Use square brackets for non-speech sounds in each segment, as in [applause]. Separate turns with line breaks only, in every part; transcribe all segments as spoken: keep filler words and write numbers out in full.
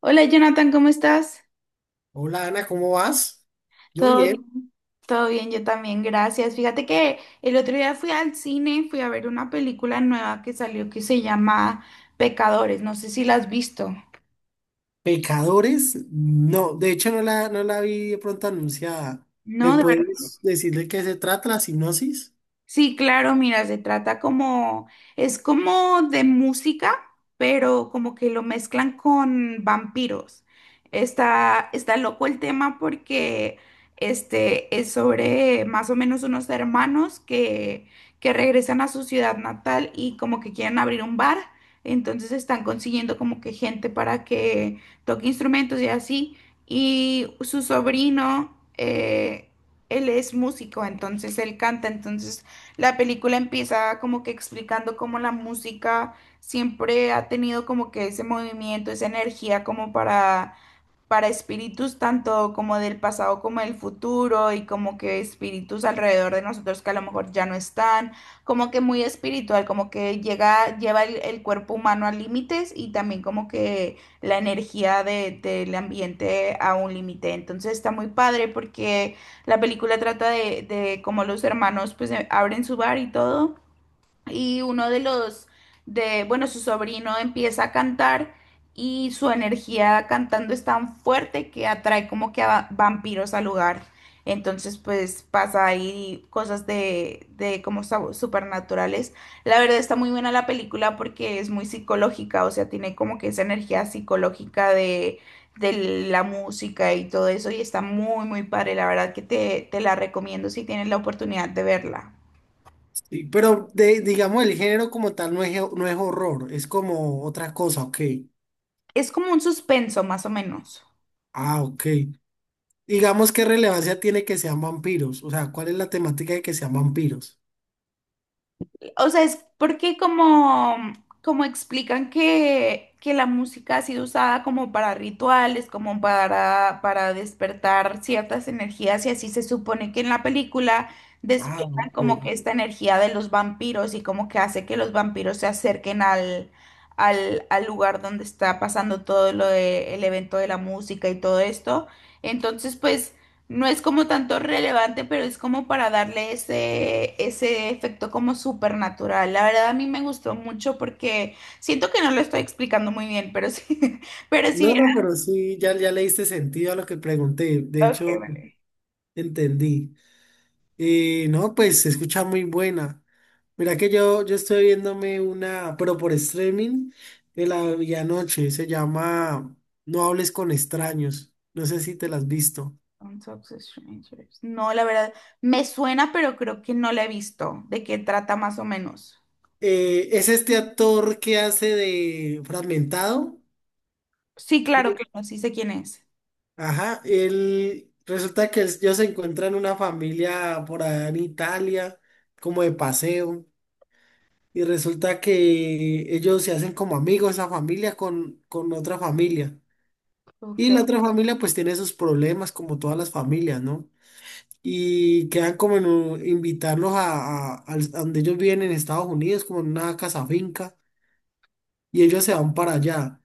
Hola Jonathan, ¿cómo estás?
Hola Ana, ¿cómo vas? Yo
Todo
bien.
bien, todo bien, yo también, gracias. Fíjate que el otro día fui al cine, fui a ver una película nueva que salió que se llama Pecadores, no sé si la has visto.
¿Pecadores? No, de hecho no la, no la vi de pronto anunciada. ¿Me
No, de verdad.
puedes decir de qué se trata la sinopsis?
Sí, claro, mira, se trata como, es como de música, pero como que lo mezclan con vampiros. Está, está loco el tema porque este es sobre más o menos unos hermanos que, que regresan a su ciudad natal y como que quieren abrir un bar. Entonces están consiguiendo como que gente para que toque instrumentos y así. Y su sobrino, eh, él es músico, entonces él canta, entonces la película empieza como que explicando cómo la música siempre ha tenido como que ese movimiento, esa energía como para para espíritus tanto como del pasado como del futuro y como que espíritus alrededor de nosotros que a lo mejor ya no están, como que muy espiritual, como que llega, lleva el, el cuerpo humano a límites y también como que la energía de- del ambiente a un límite. Entonces está muy padre porque la película trata de, de cómo los hermanos pues eh, abren su bar y todo y uno de los, de, bueno, su sobrino empieza a cantar y su energía cantando es tan fuerte que atrae como que a vampiros al lugar. Entonces, pues pasa ahí cosas de, de como sab- supernaturales. La verdad está muy buena la película porque es muy psicológica, o sea, tiene como que esa energía psicológica de, de la música y todo eso y está muy, muy padre. La verdad que te, te la recomiendo si tienes la oportunidad de verla.
Sí, pero de, digamos el género como tal no es, no es horror, es como otra cosa, ok.
Es como un suspenso, más o menos.
Ah, ok. Digamos qué relevancia tiene que sean vampiros, o sea, ¿cuál es la temática de que sean vampiros?
O sea, es porque como, como explican que, que la música ha sido usada como para rituales, como para, para despertar ciertas energías, y así se supone que en la película
Ah,
despiertan
ok.
como que esta energía de los vampiros y como que hace que los vampiros se acerquen al, al, al lugar donde está pasando todo lo de, el evento de la música y todo esto. Entonces, pues... No es como tanto relevante, pero es como para darle ese, ese efecto como supernatural. La verdad a mí me gustó mucho porque siento que no lo estoy explicando muy bien, pero sí, [laughs] pero sí,
No,
bien.
no, pero sí, ya, ya le diste sentido a lo que pregunté, de
Ok,
hecho
vale.
entendí. Y no, pues se escucha muy buena. Mira que yo, yo estoy viéndome una, pero por streaming, de la vi anoche. Se llama "No hables con extraños". No sé si te la has visto.
Don't talk to strangers. No, la verdad, me suena, pero creo que no la he visto. ¿De qué trata más o menos?
Eh, es este actor que hace de Fragmentado.
Sí, claro que no, sí sé quién es.
Ajá, él resulta que ellos se encuentran una familia por allá en Italia, como de paseo, y resulta que ellos se hacen como amigos, esa familia con, con otra familia. Y
Ok.
la otra familia pues tiene sus problemas como todas las familias, ¿no? Y quedan como en un- invitarlos a, a- al- a donde ellos viven en Estados Unidos, como en una casa finca, y ellos se van para allá.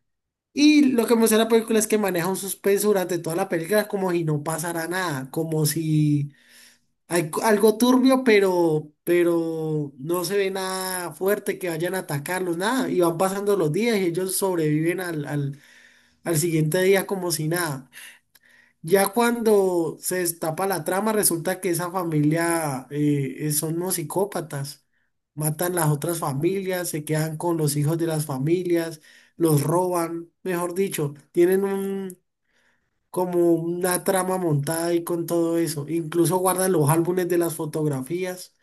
Y lo que muestra la película es que maneja un suspenso durante toda la película como si no pasara nada, como si hay co- algo turbio, pero, pero no se ve nada fuerte que vayan a atacarlos, nada. Y van pasando los días y ellos sobreviven al, al al siguiente día como si nada. Ya cuando se destapa la trama, resulta que esa familia eh, eh, son unos psicópatas. Matan las otras familias, se quedan con los hijos de las familias, los roban, mejor dicho, tienen un como una trama montada ahí con todo eso. Incluso guardan los álbumes de las fotografías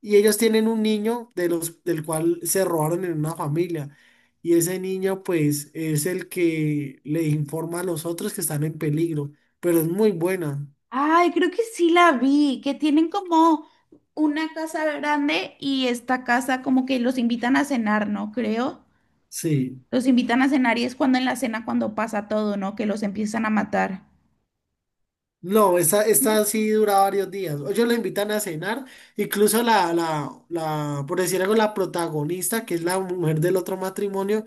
y ellos tienen un niño de los, del cual se robaron en una familia. Y ese niño pues es el que le informa a los otros que están en peligro, pero es muy buena.
Ay, creo que sí la vi, que tienen como una casa grande y esta casa como que los invitan a cenar, ¿no? Creo.
Sí.
Los invitan a cenar y es cuando en la cena cuando pasa todo, ¿no? Que los empiezan a matar.
No, esta, esta sí dura varios días. Ellos lo invitan a cenar, incluso la, la, la, por decir algo, la protagonista, que es la mujer del otro matrimonio.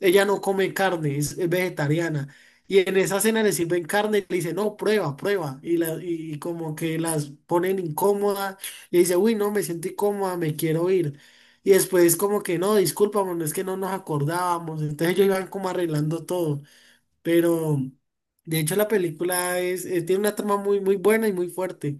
Ella no come carne, es, es vegetariana. Y en esa cena le sirven carne y le dice, no, prueba, prueba. Y, la, y como que las ponen incómoda. Y dice, uy, no, me siento incómoda, me quiero ir. Y después como que, no, discúlpame, no es que no nos acordábamos. Entonces ellos iban como arreglando todo. Pero de hecho la película es, eh, tiene una trama muy, muy buena y muy fuerte.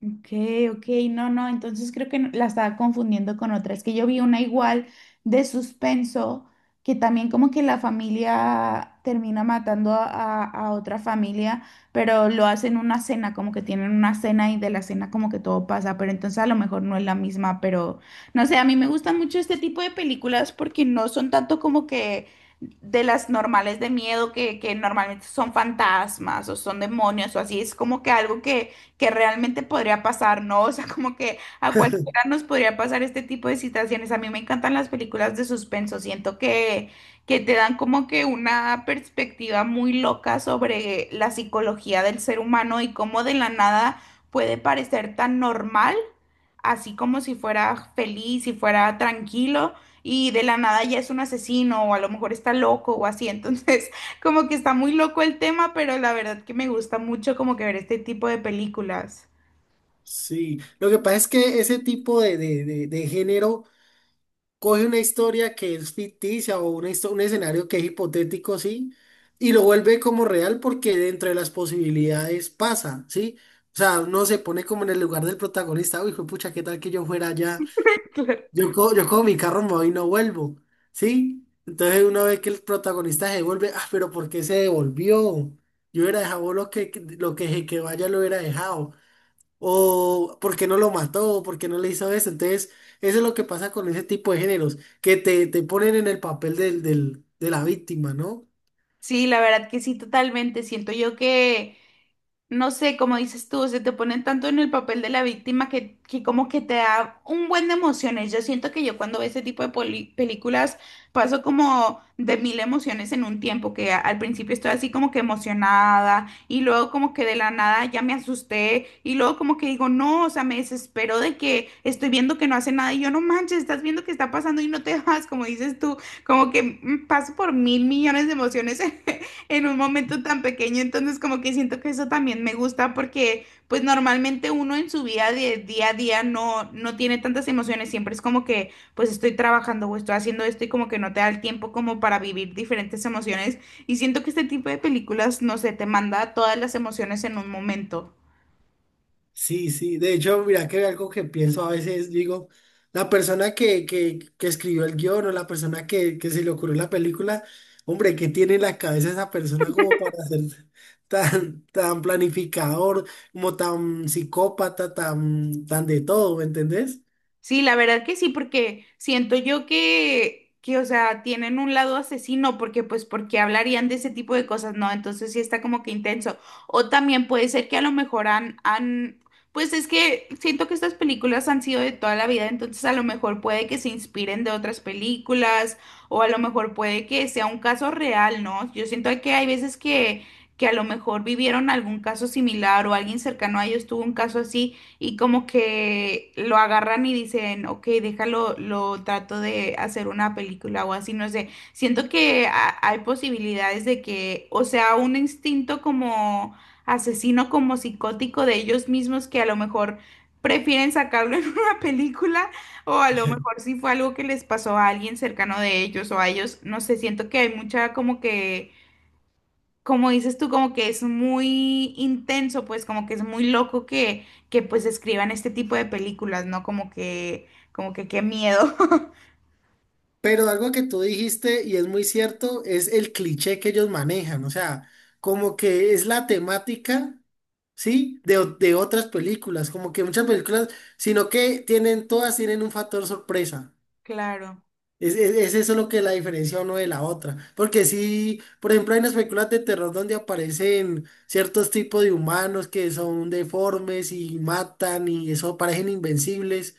Ok, ok, no, no, entonces creo que no- la estaba confundiendo con otra. Es que yo vi una igual de suspenso, que también como que la familia termina matando a, a- a otra familia, pero lo hacen una cena, como que tienen una cena y de la cena como que todo pasa, pero entonces a lo mejor no es la misma, pero no sé, a mí me gustan mucho este tipo de películas porque no son tanto como que de las normales de miedo que, que normalmente son fantasmas o son demonios o así, es como que algo que que realmente podría pasar, ¿no? O sea, como que a cualquiera nos podría pasar este tipo de situaciones. A mí me encantan las películas de suspenso, siento que, que te dan como que una perspectiva muy loca sobre la psicología del ser humano y cómo de la nada puede parecer tan normal, así como si fuera feliz, si fuera tranquilo. Y de la nada ya es un asesino, o a lo mejor está loco, o así. [laughs] Entonces, como que está muy loco el tema, pero la verdad que me gusta mucho como que ver este tipo de películas.
Sí, lo que pasa es que ese tipo de, de, de, de género coge una historia que es ficticia o una histo- un escenario que es hipotético, sí, y lo vuelve como real porque dentro de las posibilidades pasa, ¿sí? O sea, uno se pone como en el lugar del protagonista, uy, pucha, ¿qué tal que yo fuera allá?
[laughs] Claro.
Yo cojo, yo cojo mi carro, me voy y no vuelvo, ¿sí? Entonces uno ve que el protagonista se devuelve, ah, pero ¿por qué se devolvió? Yo hubiera dejado lo que, lo que, se que vaya lo hubiera dejado o por qué no lo mató, o por qué no le hizo eso. Entonces, eso es lo que pasa con ese tipo de géneros, que te, te ponen en el papel del, del- de la víctima, ¿no?
Sí, la verdad que sí, totalmente. Siento yo que no sé, como dices tú, se te ponen tanto en el papel de la víctima que, que como que te da un buen de emociones. Yo siento que yo cuando veo ese tipo de poli- películas paso como de mil emociones en un tiempo, que a- al principio estoy así como que emocionada y luego como que de la nada ya me asusté y luego como que digo, no, o sea, me desespero de que estoy viendo que no hace nada y yo no manches, estás viendo que está pasando y no te [laughs] vas, como dices tú, como que mm, paso por mil millones de emociones [laughs] en un momento tan pequeño, entonces como que siento que eso también me gusta porque pues normalmente uno en su vida de día a día no, no tiene tantas emociones, siempre es como que pues estoy trabajando o estoy haciendo esto y como que no te da el tiempo como para vivir diferentes emociones y siento que este tipo de películas, no sé, te manda todas las emociones en un momento.
Sí, sí. De hecho, mira que algo que pienso a veces, digo, la persona que, que, que escribió el guión o la persona que, que se le ocurrió la película, hombre, ¿qué tiene en la cabeza esa persona como para ser tan, tan planificador, como tan psicópata, tan, tan de todo, ¿me entendés?
Sí, la verdad que sí, porque siento yo que, que, o sea, tienen un lado asesino, porque pues, porque hablarían de ese tipo de cosas, ¿no? Entonces sí está como que intenso. O también puede ser que a lo mejor han, han, pues es que siento que estas películas han sido de toda la vida, entonces a lo mejor puede que se inspiren de otras películas, o a lo mejor puede que sea un caso real, ¿no? Yo siento que hay veces que, que a lo mejor vivieron algún caso similar o alguien cercano a ellos tuvo un caso así y como que lo agarran y dicen, ok, déjalo, lo trato de hacer una película o así, no sé. Siento que ha- hay posibilidades de que, o sea, un instinto como asesino, como psicótico de ellos mismos que a lo mejor prefieren sacarlo [laughs] en una película o a lo mejor si fue algo que les pasó a alguien cercano de ellos o a ellos, no sé, siento que hay mucha como que como dices tú, como que es muy intenso, pues como que es muy loco que, que pues escriban este tipo de películas, ¿no? Como que, como que qué miedo. [laughs]
Pero algo que tú dijiste, y es muy cierto, es el cliché que ellos manejan, o sea, como que es la temática, ¿sí? De, o- de otras películas, como que muchas películas, sino que tienen, todas tienen un factor sorpresa.
Claro.
Es, es, es eso lo que la diferencia uno de la otra. Porque sí, por ejemplo, hay unas películas de terror donde aparecen ciertos tipos de humanos que son deformes y matan y eso parecen invencibles.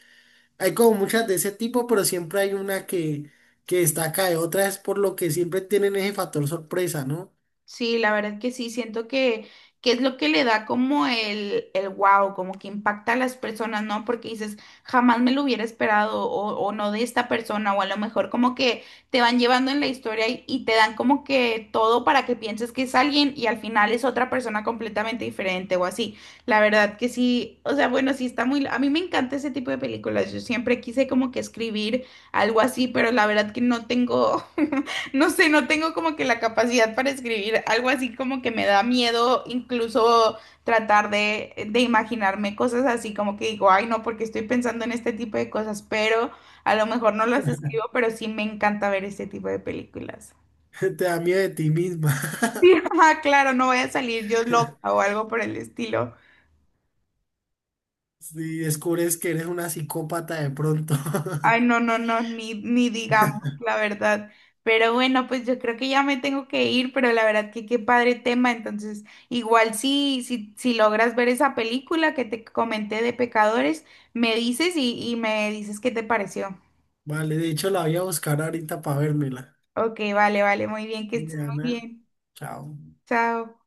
Hay como muchas de ese tipo, pero siempre hay una que, que destaca de otras, por lo que siempre tienen ese factor sorpresa, ¿no?
Sí, la verdad que sí, siento que, que es lo que le da como el, el wow, como que impacta a las personas, ¿no? Porque dices, jamás me lo hubiera esperado o, o no de esta persona, o a lo mejor como que te van llevando en la historia y, y te dan como que todo para que pienses que es alguien y al final es otra persona completamente diferente o así. La verdad que sí, o sea, bueno, sí está muy... A mí me encanta ese tipo de películas, yo siempre quise como que escribir algo así, pero la verdad que no tengo... [laughs] No sé, no tengo como que la capacidad para escribir algo así como que me da miedo incluso tratar de, de imaginarme cosas así como que digo, ay no, porque estoy pensando en este tipo de cosas, pero a lo mejor no las escribo, pero sí me encanta ver este tipo de películas. [laughs]
[laughs] Te da miedo de ti misma.
Sí, ajá, claro, no voy a salir yo loca
[laughs]
o algo por el estilo.
Si descubres que eres una psicópata de pronto.
Ay, no, no, no, ni, ni digamos la verdad. Pero bueno, pues yo creo que ya me tengo que ir, pero la verdad que qué padre tema. Entonces, igual si, si, si logras ver esa película que te comenté de pecadores, me dices y, y me dices qué te pareció.
[laughs] Vale, de hecho la voy a buscar ahorita para vérmela.
Ok, vale, vale, muy bien, que estés muy
Diana,
bien.
chao.
Chao.